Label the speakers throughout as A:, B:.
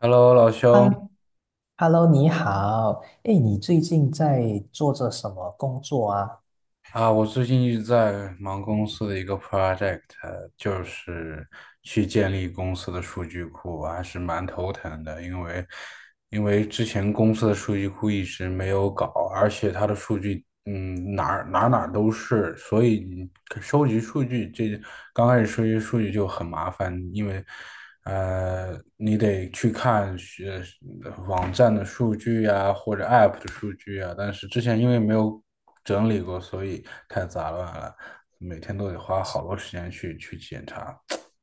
A: Hello，老
B: 哈
A: 兄，
B: Hello，你好。哎，你最近在做着什么工作啊？
A: 啊，我最近一直在忙公司的一个 project，就是去建立公司的数据库，我还是蛮头疼的，因为之前公司的数据库一直没有搞，而且它的数据，哪儿哪儿哪儿都是，所以你收集数据这刚开始收集数据就很麻烦，因为你得去看网站的数据呀，或者 App 的数据啊，但是之前因为没有整理过，所以太杂乱了，每天都得花好多时间去检查，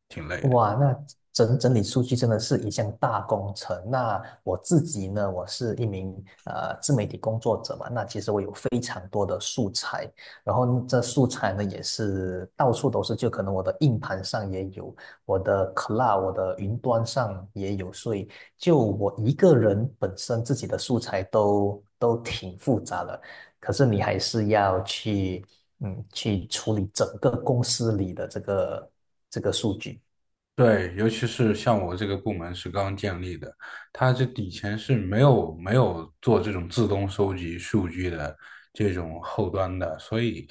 A: 挺累的。
B: 哇，那整理数据真的是一项大工程。那我自己呢，我是一名自媒体工作者嘛，那其实我有非常多的素材，然后这素材呢也是到处都是，就可能我的硬盘上也有，我的 cloud,我的云端上也有，所以就我一个人本身自己的素材都挺复杂的，可是你还是要去去处理整个公司里的这个数据。
A: 对，尤其是像我这个部门是刚建立的，它这以前是没有做这种自动收集数据的这种后端的，所以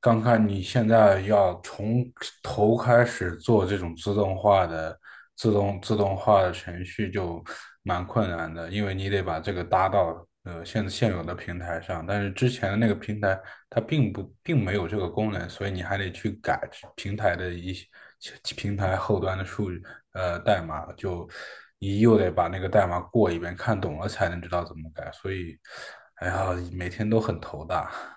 A: 刚看你现在要从头开始做这种自动化的程序就蛮困难的，因为你得把这个搭到现有的平台上，但是之前的那个平台它并没有这个功能，所以你还得去改平台的一些。平台后端的数据代码，就你又得把那个代码过一遍，看懂了才能知道怎么改。所以，哎呀，每天都很头大。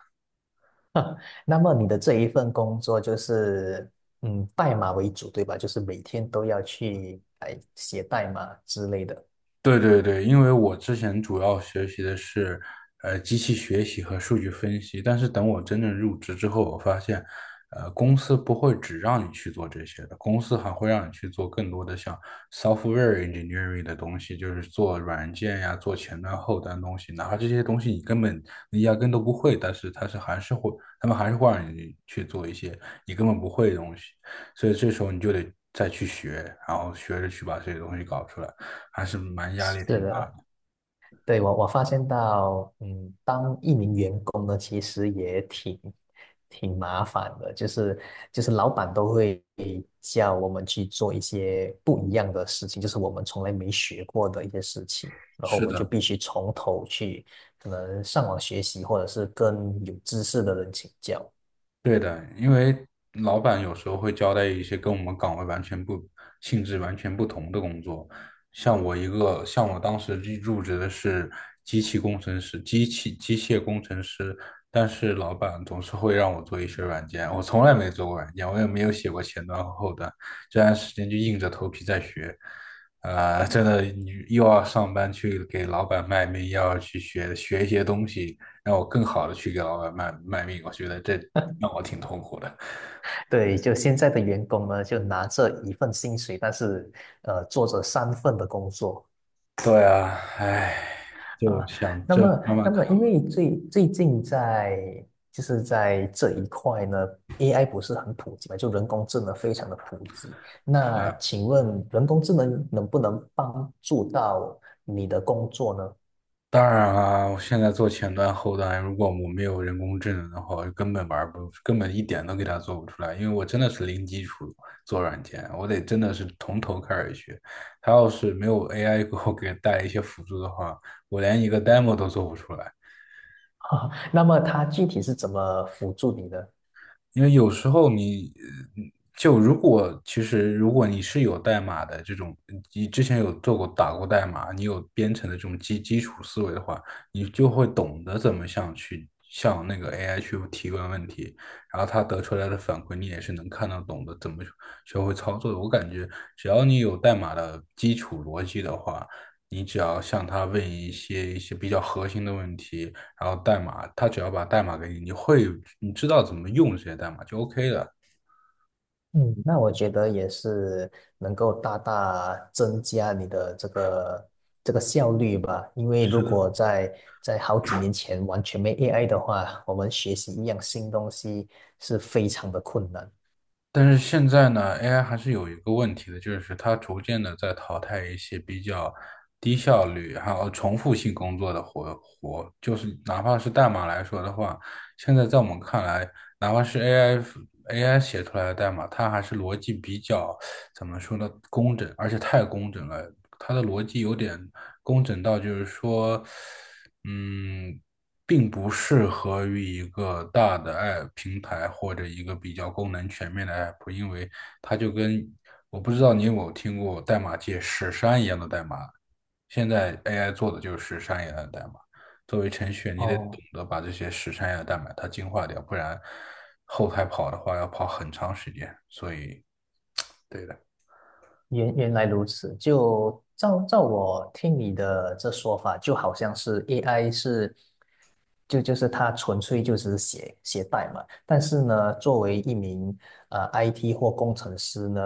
B: 那么你的这一份工作就是，嗯，代码为主，对吧？就是每天都要去哎写代码之类的。
A: 对对对，因为我之前主要学习的是机器学习和数据分析，但是等我真正入职之后，我发现，公司不会只让你去做这些的，公司还会让你去做更多的像 software engineering 的东西，就是做软件呀、做前端、后端东西，哪怕这些东西你压根都不会，但是它是还是会，他们还是会让你去做一些你根本不会的东西，所以这时候你就得再去学，然后学着去把这些东西搞出来。还是蛮压力
B: 是
A: 挺大
B: 的，
A: 的。
B: 对，我发现到，嗯，当一名员工呢，其实也挺麻烦的，就是老板都会叫我们去做一些不一样的事情，就是我们从来没学过的一些事情，然后我
A: 是
B: 们就
A: 的，
B: 必须从头去，可能上网学习，或者是跟有知识的人请教。
A: 对的，因为老板有时候会交代一些跟我们岗位完全不性质完全不同的工作。像我当时入职的是机器工程师，机械工程师，但是老板总是会让我做一些软件，我从来没做过软件，我也没有写过前端和后端，这段时间就硬着头皮在学。真的，你又要上班去给老板卖命，又要去学学一些东西，让我更好的去给老板卖命，我觉得这让我挺痛苦的。
B: 对，就现在的员工呢，就拿着一份薪水，但是做着三份的工作
A: 对啊，唉，就
B: 啊。
A: 想
B: 那
A: 这
B: 么，
A: 慢慢
B: 那
A: 看
B: 么，因
A: 吧。
B: 为最近在就是在这一块呢，AI 不是很普及嘛，就人工智能非常的普及。
A: 对
B: 那
A: 啊，
B: 请问人工智能能不能帮助到你的工作呢？
A: 当然啊，我现在做前端后端，如果我没有人工智能的话，我根本玩不，根本一点都给它做不出来，因为我真的是零基础做软件，我得真的是从头开始学。它要是没有 AI 给我带一些辅助的话，我连一个 demo 都做不出来。
B: 那么它具体是怎么辅助你的？
A: 因为有时候你，呃就如果其实如果你是有代码的这种，你之前有做过打过代码，你有编程的这种基础思维的话，你就会懂得怎么向那个 AI 去提问问题，然后他得出来的反馈你也是能看得懂的，怎么学会操作的。我感觉只要你有代码的基础逻辑的话，你只要向他问一些比较核心的问题，然后他只要把代码给你，你知道怎么用这些代码就 OK 了。
B: 嗯，那我觉得也是能够大大增加你的这个效率吧，因为如
A: 是的，
B: 果在在好几年前完全没 AI 的话，我们学习一样新东西是非常的困难。
A: 但是现在呢，AI 还是有一个问题的，就是它逐渐的在淘汰一些比较低效率还有重复性工作的活，就是哪怕是代码来说的话，现在在我们看来，哪怕是 AI 写出来的代码，它还是逻辑比较怎么说呢，工整，而且太工整了。它的逻辑有点工整到，就是说，嗯，并不适合于一个大的 app 平台或者一个比较功能全面的 app，因为它就跟我不知道你有没有听过代码界屎山一样的代码，现在 AI 做的就是屎山一样的代码。作为程序员，你得懂
B: 哦，
A: 得把这些屎山一样的代码它进化掉，不然后台跑的话要跑很长时间。所以
B: 原来如此。就照我听你的这说法，就好像是 AI 是就是他纯粹就是写代码，但是呢，作为一名IT 或工程师呢，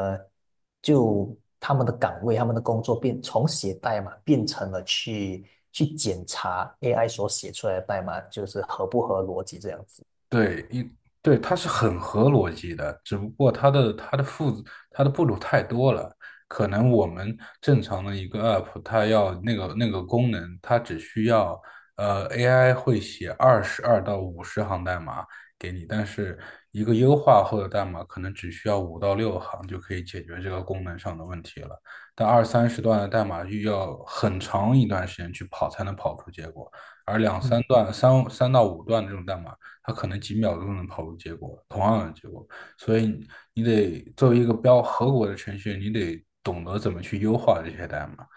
B: 就他们的岗位、他们的工作变从写代码变成了去检查 AI 所写出来的代码就是合不合逻辑这样子。
A: 对，它是很合逻辑的，只不过它的步骤太多了。可能我们正常的一个 app，它要那个功能，它只需要AI 会写22到50行代码给你，但是一个优化后的代码可能只需要五到6行就可以解决这个功能上的问题了。但二三十段的代码又要很长一段时间去跑才能跑出结果。而两三
B: 嗯，
A: 段、三到五段这种代码，它可能几秒钟能跑出结果，同样的结果。所以你得作为一个合格的程序员，你得懂得怎么去优化这些代码。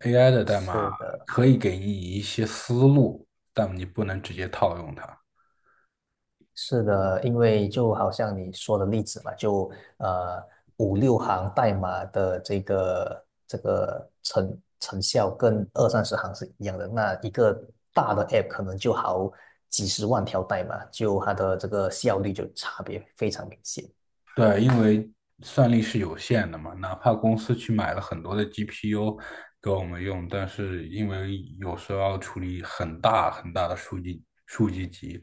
A: AI 的代码
B: 是的，
A: 可以给你一些思路，但你不能直接套用它。
B: 是的，因为就好像你说的例子嘛，就呃五六行代码的这个成效跟二三十行是一样的。那一个大的 app 可能就好几十万条代码，就它的这个效率就差别非常明显。
A: 对，因为算力是有限的嘛，哪怕公司去买了很多的 GPU 给我们用，但是因为有时候要处理很大很大的数据集，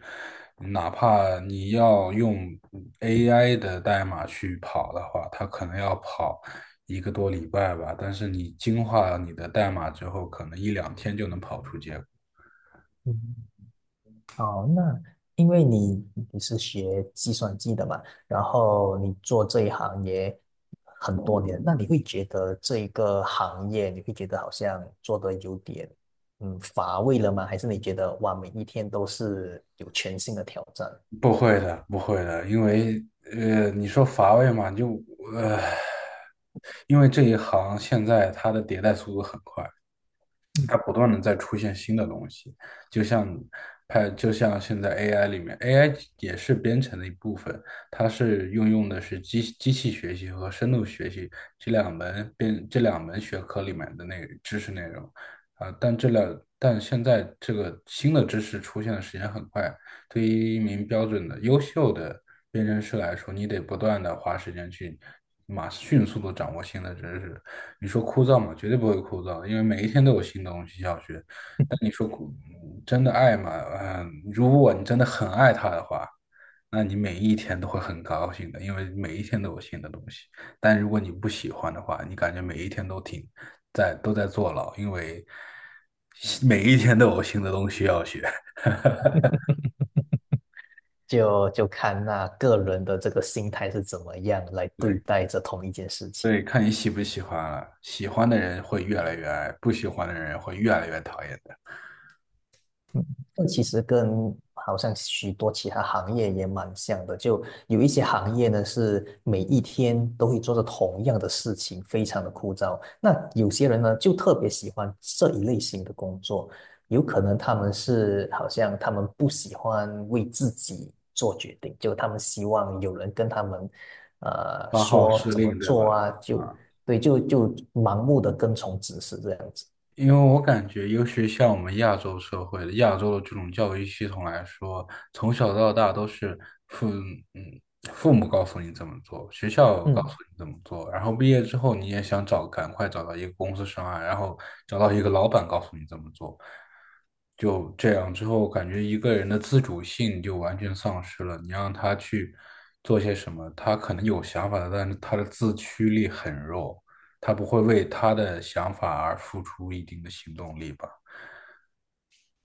A: 哪怕你要用 AI 的代码去跑的话，它可能要跑一个多礼拜吧，但是你精化了你的代码之后，可能一两天就能跑出结果。
B: 嗯哦，那因为你是学计算机的嘛，然后你做这一行也很多年，那你会觉得这一个行业，你会觉得好像做的有点乏味了吗？还是你觉得哇，每一天都是有全新的挑战？
A: 不会的，不会的，因为你说乏味嘛，呃，因为这一行现在它的迭代速度很快，
B: 嗯。
A: 它不断的在出现新的东西，就像就像现在 AI 里面，AI 也是编程的一部分，它是运用的是机器学习和深度学习这两门学科里面的那个知识内容啊，但这两但现在这个新的知识出现的时间很快，对于一名标准的优秀的对人士来说，你得不断的花时间去迅速的掌握新的知识。你说枯燥吗？绝对不会枯燥，因为每一天都有新东西要学。但你说枯真的爱吗？嗯，如果你真的很爱它的话，那你每一天都会很高兴的，因为每一天都有新的东西。但如果你不喜欢的话，你感觉每一天都在坐牢，因为每一天都有新的东西要学。
B: 就看那个人的这个心态是怎么样来 对
A: 对。
B: 待这同一件事情。
A: 对，看你喜不喜欢了。喜欢的人会越来越爱，不喜欢的人会越来越讨厌的。
B: 嗯，这其实跟好像许多其他行业也蛮像的，就有一些行业呢是每一天都会做着同样的事情，非常的枯燥。那有些人呢就特别喜欢这一类型的工作，有可能他们是好像他们不喜欢为自己做决定，就他们希望有人跟他们
A: 八号
B: 说
A: 司
B: 怎么
A: 令，对吧？
B: 做啊，就
A: 啊。
B: 对，就盲目的跟从指示这样子。
A: 因为我感觉，尤其像我们亚洲社会的亚洲的这种教育系统来说，从小到大都是父嗯父母告诉你怎么做，学校告诉
B: 嗯。
A: 你怎么做，然后毕业之后你也想赶快找到一个公司上岸，然后找到一个老板告诉你怎么做，就这样之后，感觉一个人的自主性就完全丧失了。你让他去做些什么，他可能有想法的，但是他的自驱力很弱。他不会为他的想法而付出一定的行动力吧？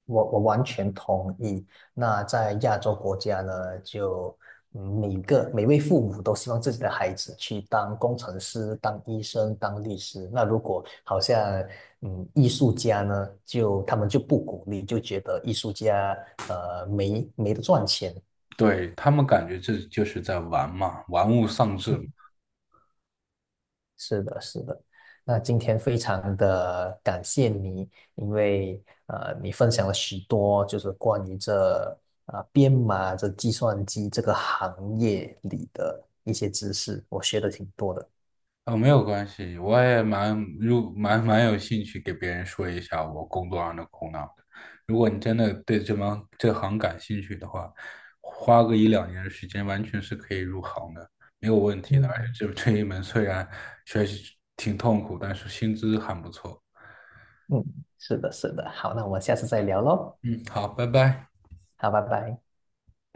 B: 我完全同意。那在亚洲国家呢，就每位父母都希望自己的孩子去当工程师、当医生、当律师。那如果好像艺术家呢，就他们就不鼓励，就觉得艺术家没得赚钱。
A: 对他们感觉这就是在玩嘛，玩物丧志嘛。
B: 嗯是的，是的。那今天非常的感谢你，因为你分享了许多就是关于这啊、编码、这计算机这个行业里的一些知识，我学的挺多的。
A: 哦，没有关系，我也蛮入蛮蛮有兴趣给别人说一下我工作上的苦恼的。如果你真的对这行感兴趣的话，花个一两年的时间完全是可以入行的，没有问题的。而
B: 嗯。
A: 且这一门虽然学习挺痛苦，但是薪资还不错。
B: 嗯，是的，是的。好，那我们下次再聊喽。
A: 嗯，好，拜拜。
B: 好，拜拜。